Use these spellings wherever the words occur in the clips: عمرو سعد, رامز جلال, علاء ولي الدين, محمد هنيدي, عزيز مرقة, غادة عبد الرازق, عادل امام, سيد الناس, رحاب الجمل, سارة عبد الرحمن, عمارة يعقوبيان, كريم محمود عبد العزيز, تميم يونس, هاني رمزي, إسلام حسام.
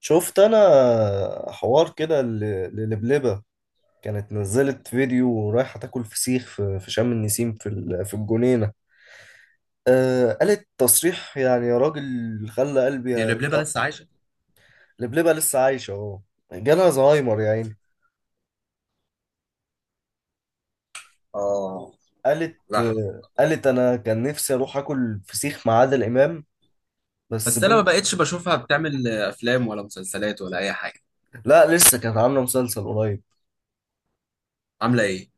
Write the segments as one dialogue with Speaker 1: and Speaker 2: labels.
Speaker 1: شفت انا حوار كده للبلبة. كانت نزلت فيديو رايحة تاكل فسيخ في شم النسيم في الجنينة. آه قالت تصريح يعني يا راجل، خلى قلبي
Speaker 2: هي لبلبة لسه
Speaker 1: يتقطع.
Speaker 2: عايشة؟
Speaker 1: لبلبة لسه عايشة اهو، جالها زهايمر يا عيني.
Speaker 2: اه.
Speaker 1: قالت
Speaker 2: صح.
Speaker 1: آه قالت انا كان نفسي اروح اكل فسيخ مع عادل امام. بس
Speaker 2: بس انا ما
Speaker 1: بنت.
Speaker 2: بقتش بشوفها بتعمل افلام ولا مسلسلات ولا اي حاجة.
Speaker 1: لا لسه كانت عاملة مسلسل قريب.
Speaker 2: عاملة ايه؟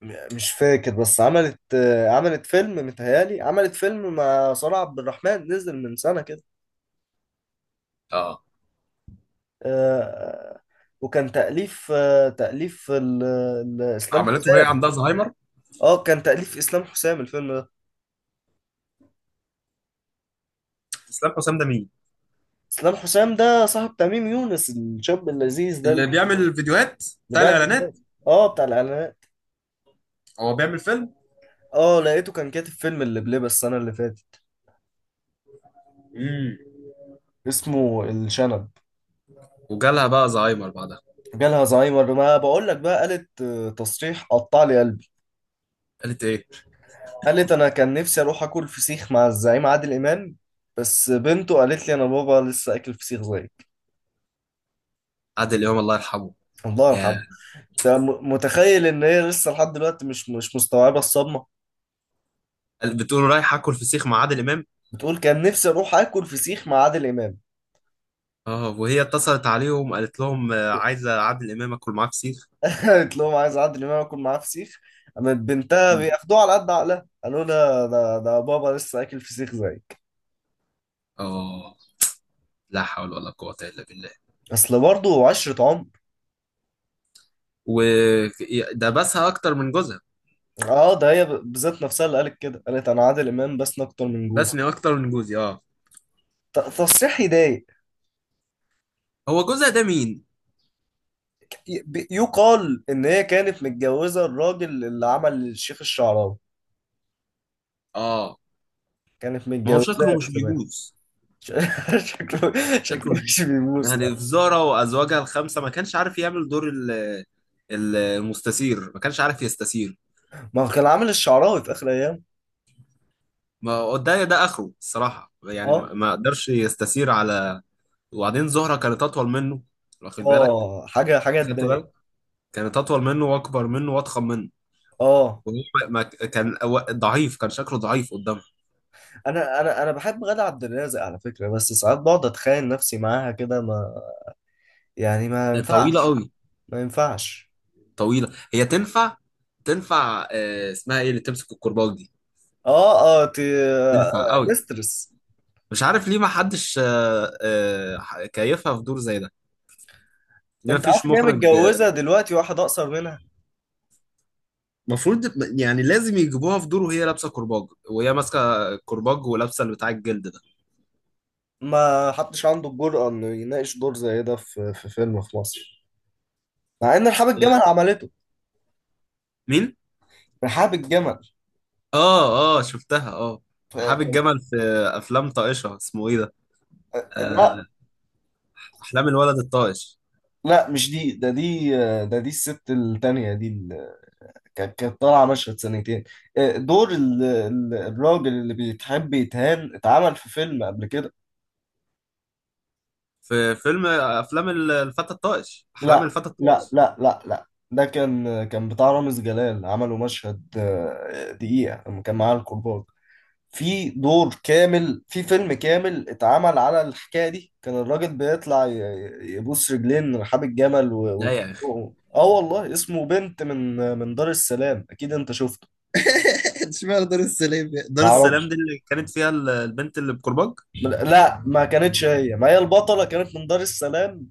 Speaker 1: مش فاكر، بس عملت فيلم، متهيالي عملت فيلم مع سارة عبد الرحمن نزل من سنة كده.
Speaker 2: اه.
Speaker 1: آه، وكان تأليف إسلام
Speaker 2: عملته وهي
Speaker 1: حسام.
Speaker 2: عندها زهايمر؟
Speaker 1: اه كان تأليف إسلام حسام الفيلم ده.
Speaker 2: اسلام حسام ده مين؟
Speaker 1: إسلام حسام ده صاحب تميم يونس، الشاب اللذيذ ده اللي
Speaker 2: اللي بيعمل الفيديوهات، بتاع
Speaker 1: بيعمل
Speaker 2: الاعلانات.
Speaker 1: فيديوهات. اه بتاع الإعلانات.
Speaker 2: هو بيعمل فيلم؟
Speaker 1: اه لقيته كان كاتب فيلم اللي بلبس السنة اللي فاتت،
Speaker 2: امم.
Speaker 1: اسمه الشنب.
Speaker 2: وجالها بقى زهايمر بعدها؟
Speaker 1: جالها زهايمر، ما بقول لك بقى، قالت تصريح قطع لي قلبي.
Speaker 2: قالت ايه؟
Speaker 1: قالت انا كان نفسي اروح اكل فسيخ مع الزعيم عادل امام. بس بنته قالت لي انا بابا لسه اكل فسيخ زيك.
Speaker 2: عادل امام الله يرحمه.
Speaker 1: الله
Speaker 2: يا.
Speaker 1: يرحمه. انت متخيل ان هي لسه لحد دلوقتي مش مستوعبه الصدمه؟
Speaker 2: بتقول رايح اكل فسيخ مع عادل امام؟
Speaker 1: بتقول كان نفسي اروح اكل فسيخ مع عادل امام.
Speaker 2: اه، وهي اتصلت عليهم قالت لهم عايزه عادل امام اكل معاه فسيخ.
Speaker 1: قالت لهم عايز عادل امام اكل معاه فسيخ. قامت بنتها
Speaker 2: مم.
Speaker 1: بياخدوها على قد عقلها، قالوا لها ده بابا لسه اكل فسيخ زيك.
Speaker 2: اه. لا حول ولا قوه الا بالله.
Speaker 1: اصل برضه عشره عمر.
Speaker 2: وده بسها اكتر من جوزها.
Speaker 1: اه ده هي بذات نفسها اللي قالت كده. قالت انا عادل امام بس اكتر من جوزي.
Speaker 2: بسني اكتر من جوزي، اه.
Speaker 1: تصريح يضايق.
Speaker 2: هو جوزها ده مين؟
Speaker 1: يقال ان هي كانت متجوزه الراجل اللي عمل الشيخ الشعراوي،
Speaker 2: اه،
Speaker 1: كانت
Speaker 2: ما هو شكله
Speaker 1: متجوزاه
Speaker 2: مش
Speaker 1: زمان.
Speaker 2: بيبوظ.
Speaker 1: ش- شكله، شكله
Speaker 2: شكله مش بيبوظ.
Speaker 1: مش بيبوس
Speaker 2: يعني
Speaker 1: لا.
Speaker 2: في زارة وازواجها الخمسه ما كانش عارف يعمل دور المستثير، ما كانش عارف يستثير.
Speaker 1: ما هو كان عامل الشعراوي في اخر ايام.
Speaker 2: ما هو ده اخره الصراحه، يعني
Speaker 1: اه
Speaker 2: ما قدرش يستثير على. وبعدين زهره كانت اطول منه، واخد بالك؟
Speaker 1: اه حاجه حاجه
Speaker 2: خدت
Speaker 1: تضايق.
Speaker 2: بالك؟ كانت اطول منه واكبر منه واضخم منه.
Speaker 1: اه
Speaker 2: وهو كان ضعيف، كان شكله ضعيف قدامها.
Speaker 1: انا بحب غادة عبد الرازق على فكره، بس ساعات بقعد اتخيل نفسي معاها كده، ما يعني ما
Speaker 2: طويله
Speaker 1: ينفعش.
Speaker 2: قوي.
Speaker 1: ما ينفعش.
Speaker 2: طويله، هي تنفع. تنفع، اسمها ايه اللي تمسك الكرباج دي؟
Speaker 1: اه اه تي... آه،
Speaker 2: تنفع قوي.
Speaker 1: مسترس.
Speaker 2: مش عارف ليه ما حدش كيفها في دور زي ده. ليه ما
Speaker 1: انت عارف
Speaker 2: فيش
Speaker 1: ان هي
Speaker 2: مخرج
Speaker 1: متجوزه دلوقتي واحد اقصر منها؟
Speaker 2: المفروض يعني لازم يجيبوها في دور وهي لابسه كرباج، وهي ماسكه كرباج ولابسه اللي بتاع الجلد ده.
Speaker 1: ما حدش عنده الجرأة انه يناقش دور زي ده في فيلم في مصر. مع ان رحاب الجمل
Speaker 2: هي-
Speaker 1: عملته.
Speaker 2: مين؟
Speaker 1: رحاب الجمل.
Speaker 2: اه، اه، شفتها. اه. رحاب
Speaker 1: كان.
Speaker 2: الجمل في افلام طائشه، اسمه ايه ده؟ آه،
Speaker 1: لا
Speaker 2: احلام الولد الطائش.
Speaker 1: لا، مش دي، ده دي، ده دي الست التانية دي اللي كانت طالعة مشهد سنتين. دور الراجل اللي بيتحب يتهان اتعمل في فيلم قبل كده.
Speaker 2: في فيلم، افلام الفتى الطائش، احلام
Speaker 1: لا
Speaker 2: الفتى
Speaker 1: لا
Speaker 2: الطائش.
Speaker 1: لا لا لا. ده كان بتاع رامز جلال، عملوا مشهد دقيقة لما كان معاه الكرباج. في دور كامل في فيلم كامل اتعمل على الحكاية دي، كان الراجل بيطلع يبوس رجلين رحاب الجمل و...
Speaker 2: لا يا.
Speaker 1: وتخنقه. اه والله اسمه بنت من دار السلام، اكيد انت شفته.
Speaker 2: اشمعنى دار السلام يعني؟
Speaker 1: ما
Speaker 2: دار السلام
Speaker 1: اعرفش.
Speaker 2: دي اللي كانت فيها البنت اللي بكرباج.
Speaker 1: لا ما كانتش هي، ما هي البطلة كانت من دار السلام،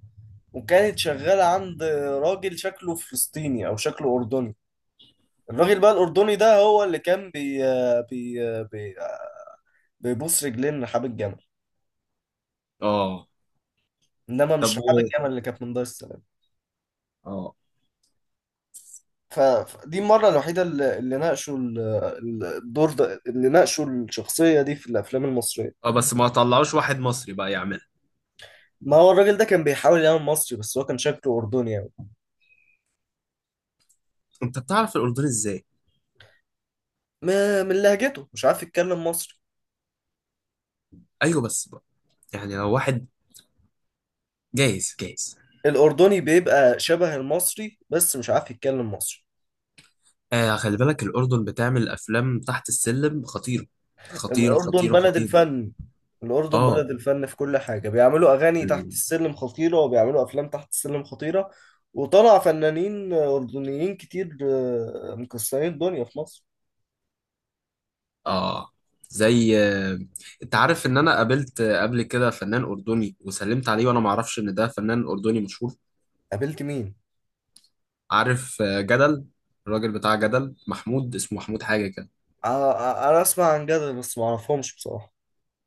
Speaker 1: وكانت شغالة عند راجل شكله فلسطيني او شكله اردني. الراجل بقى الاردني ده هو اللي كان بي بي بي بيبوس رجلين رحاب الجمل.
Speaker 2: اه.
Speaker 1: انما
Speaker 2: طب
Speaker 1: مش رحاب
Speaker 2: و.
Speaker 1: الجمل اللي كانت من دار السلام.
Speaker 2: اه،
Speaker 1: فدي المرة الوحيدة اللي ناقشوا الدور ده، اللي ناقشوا الشخصية دي في الافلام المصرية.
Speaker 2: اه. بس ما طلعوش واحد مصري بقى يعملها.
Speaker 1: ما هو الراجل ده كان بيحاول يعمل مصري، بس هو كان شكله اردني يعني.
Speaker 2: انت بتعرف الاردن ازاي؟
Speaker 1: من لهجته، مش عارف يتكلم مصري.
Speaker 2: ايوه، بس بقى يعني لو واحد، جايز جايز.
Speaker 1: الأردني بيبقى شبه المصري بس مش عارف يتكلم مصري.
Speaker 2: آه، خلي بالك، الاردن بتعمل افلام تحت السلم خطيره. خطيره،
Speaker 1: الأردن
Speaker 2: خطيره،
Speaker 1: بلد
Speaker 2: خطيره.
Speaker 1: الفن. الأردن
Speaker 2: اه.
Speaker 1: بلد الفن في كل حاجة، بيعملوا أغاني تحت
Speaker 2: ال-
Speaker 1: السلم خطيرة، وبيعملوا أفلام تحت السلم خطيرة. وطلع فنانين أردنيين كتير مكسرين الدنيا في مصر.
Speaker 2: اه، زي انت عارف ان انا قابلت قبل كده فنان اردني وسلمت عليه وانا ما اعرفش ان ده فنان اردني مشهور.
Speaker 1: قابلت مين؟
Speaker 2: عارف جدل، الراجل بتاع جدل، محمود اسمه، محمود حاجة كده.
Speaker 1: آ- آ- أنا أسمع عن جدل بس معرفهمش بصراحة.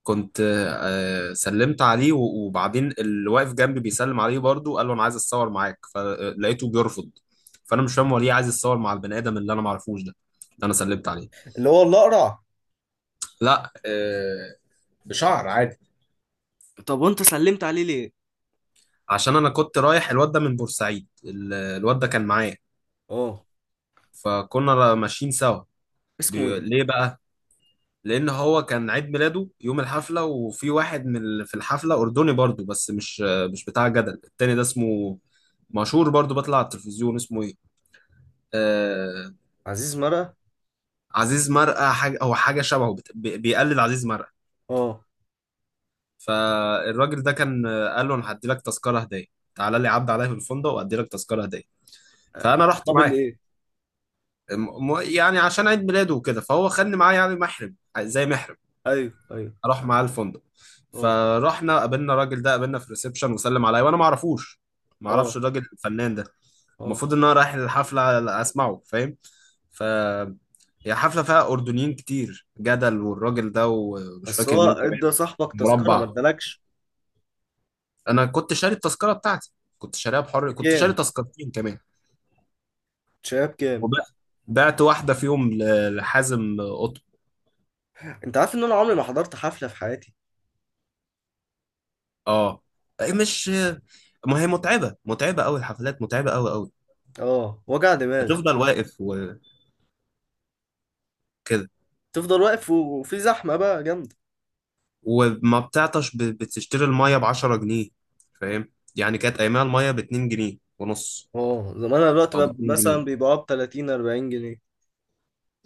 Speaker 2: كنت سلمت عليه، وبعدين اللي واقف جنبي بيسلم عليه برضه قال له انا عايز اتصور معاك، فلقيته بيرفض. فانا مش فاهم هو ليه عايز يتصور مع البني ادم اللي انا معرفوش ده، اللي انا سلمت عليه.
Speaker 1: اللي هو الأقرع؟
Speaker 2: لا، بشعر عادي.
Speaker 1: طب وأنت سلمت عليه ليه؟
Speaker 2: عشان انا كنت رايح، الواد ده من بورسعيد، الواد ده كان معايا،
Speaker 1: اه،
Speaker 2: فكنا ماشيين سوا.
Speaker 1: اسمه إيه؟
Speaker 2: ليه بقى؟ لان هو كان عيد ميلاده يوم الحفله، وفي واحد من في الحفله اردني برضو بس مش، مش بتاع جدل، التاني ده اسمه مشهور برضو، بطلع على التلفزيون، اسمه ايه، آه.
Speaker 1: عزيز مرقة؟
Speaker 2: عزيز مرقه حاجه، هو حاجه شبهه، بيقلد عزيز مرقه.
Speaker 1: اه،
Speaker 2: فالراجل ده كان، قال له انا هدي لك تذكره هديه، تعالى لي عدى عليا في الفندق وادي لك تذكره هديه. فانا رحت
Speaker 1: مقابل
Speaker 2: معاه.
Speaker 1: إيه؟
Speaker 2: يعني عشان عيد ميلاده وكده، فهو خدني معاه يعني محرم، زي محرم،
Speaker 1: أيوه أيوه.
Speaker 2: اروح معاه الفندق.
Speaker 1: اه
Speaker 2: فرحنا، قابلنا الراجل ده، قابلنا في الريسبشن، وسلم عليا وانا ما اعرفوش. ما اعرفش
Speaker 1: اه
Speaker 2: الراجل الفنان ده،
Speaker 1: اه.
Speaker 2: المفروض ان انا رايح الحفله اسمعه، فاهم؟ ف هي حفله فيها اردنيين كتير، جدل والراجل ده، ومش
Speaker 1: بس
Speaker 2: فاكر
Speaker 1: هو
Speaker 2: مين كمان.
Speaker 1: ادى صاحبك تذكرة ما
Speaker 2: مربع.
Speaker 1: ادالكش؟
Speaker 2: انا كنت شاري التذكره بتاعتي، كنت شاريها بحر، كنت شاري
Speaker 1: بكام؟
Speaker 2: تذكرتين كمان.
Speaker 1: شايف كام؟
Speaker 2: وبعت، بعت واحده فيهم لحازم قطب.
Speaker 1: انت عارف ان انا عمري ما حضرت حفلة في حياتي؟
Speaker 2: اه. إيه، مش. ما هي متعبه، متعبه قوي الحفلات، متعبه قوي قوي.
Speaker 1: اه، وجع دماغ.
Speaker 2: بتفضل واقف كده.
Speaker 1: تفضل واقف وفي زحمة بقى جامدة.
Speaker 2: وما بتعطش، بتشتري المية ب10 جنيه. فاهم يعني؟ كانت أيامها المية ب2 جنيه ونص،
Speaker 1: اه، زمانها دلوقتي
Speaker 2: أو
Speaker 1: بقى
Speaker 2: باتنين
Speaker 1: مثلا
Speaker 2: جنيه
Speaker 1: بيبقوا ب 30 40 جنيه.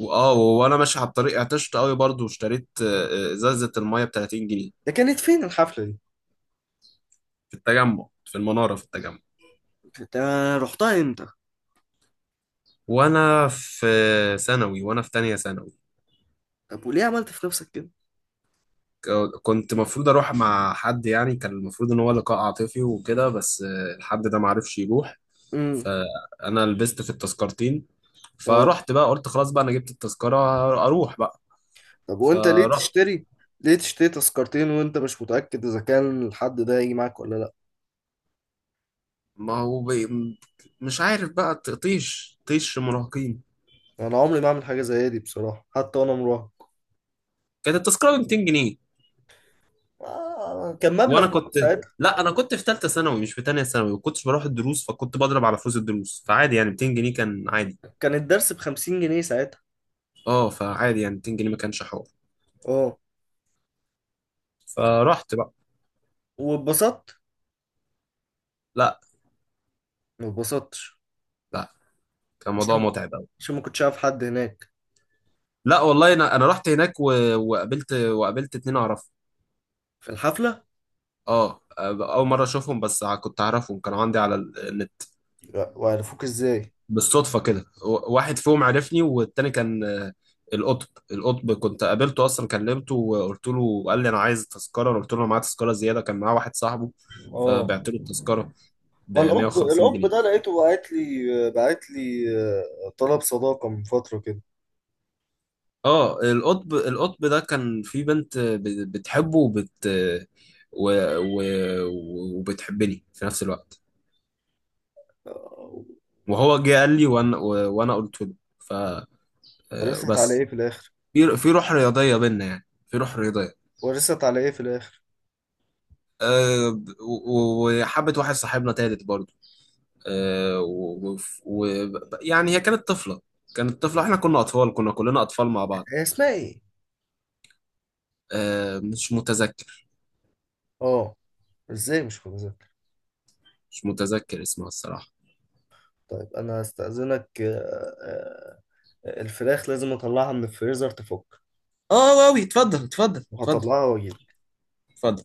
Speaker 2: وآه، وأنا ماشي على الطريق عطشت قوي برضو، واشتريت إزازة المية ب30 جنيه.
Speaker 1: ده كانت فين الحفلة دي؟
Speaker 2: في التجمع، في المنارة، في التجمع.
Speaker 1: انت رحتها امتى؟
Speaker 2: وأنا في ثانوي، وأنا في تانية ثانوي.
Speaker 1: طب وليه عملت في نفسك كده؟
Speaker 2: كنت المفروض أروح مع حد، يعني كان المفروض إن هو لقاء عاطفي وكده، بس الحد ده معرفش يروح.
Speaker 1: امم.
Speaker 2: فأنا لبست في التذكرتين،
Speaker 1: اه.
Speaker 2: فرحت بقى قلت خلاص بقى أنا جبت التذكرة أروح.
Speaker 1: طب وانت ليه
Speaker 2: فرحت.
Speaker 1: تشتري؟ ليه تشتري تذكرتين وانت مش متأكد اذا كان الحد ده هيجي معاك ولا لا؟
Speaker 2: ما هو بي. مش عارف بقى، طيش، طيش مراهقين.
Speaker 1: انا عمري ما اعمل حاجة زي دي بصراحة حتى وانا مراهق.
Speaker 2: كانت التذكرة ب 200 جنيه.
Speaker 1: كان مبلغ
Speaker 2: وانا كنت،
Speaker 1: بقى.
Speaker 2: لا، انا كنت في ثالثة ثانوي مش في تانية ثانوي، ما كنتش بروح الدروس فكنت بضرب على فلوس الدروس، فعادي يعني 200 جنيه كان عادي.
Speaker 1: كان الدرس ب 50 جنيه ساعتها.
Speaker 2: اه، فعادي يعني 200 جنيه ما كانش حوار.
Speaker 1: اه،
Speaker 2: فرحت بقى.
Speaker 1: واتبسطت؟
Speaker 2: لا.
Speaker 1: ما اتبسطتش؟
Speaker 2: لا، كان موضوع
Speaker 1: عشان
Speaker 2: متعب قوي.
Speaker 1: عشان ما كنتش عارف حد هناك؟
Speaker 2: لا. والله، انا رحت هناك و، وقابلت اتنين اعرفهم.
Speaker 1: في الحفلة؟
Speaker 2: اه، اول مرة اشوفهم، بس كنت اعرفهم، كانوا عندي على النت.
Speaker 1: لا، وعرفوك ازاي؟
Speaker 2: بالصدفة كده، واحد فيهم عرفني، والتاني كان القطب. كنت قابلته أصلا، كلمته وقلت له، وقال لي أنا عايز تذكرة، أنا قلت له أنا معايا تذكرة زيادة، كان معاه واحد صاحبه.
Speaker 1: اه،
Speaker 2: فبعت له التذكرة ب
Speaker 1: الأب
Speaker 2: 150
Speaker 1: الأب
Speaker 2: جنيه
Speaker 1: ده لقيته بعت لي طلب صداقة من فترة كده.
Speaker 2: اه، القطب، القطب ده كان في بنت بتحبه، وبت، و، و، وبتحبني في نفس الوقت.
Speaker 1: آه،
Speaker 2: وهو جه قال لي وأنا، و، وأنا قلت له،
Speaker 1: ورثت على
Speaker 2: فبس،
Speaker 1: ايه في الآخر؟
Speaker 2: في روح رياضية بينا، يعني في روح رياضية.
Speaker 1: ورثت على ايه في الآخر؟
Speaker 2: وحبت واحد صاحبنا تالت برضه. يعني هي كانت طفلة، كانت طفلة، احنا كنا أطفال، كنا كلنا أطفال مع بعض.
Speaker 1: هي اسمها ايه؟
Speaker 2: مش متذكر.
Speaker 1: اه. ازاي مش فاكر؟
Speaker 2: مش متذكر اسمها الصراحة.
Speaker 1: طيب انا هستأذنك، الفراخ لازم اطلعها من الفريزر تفك،
Speaker 2: اه، واوي، اتفضل، اتفضل، اتفضل،
Speaker 1: وهطلعها واجيلك.
Speaker 2: اتفضل.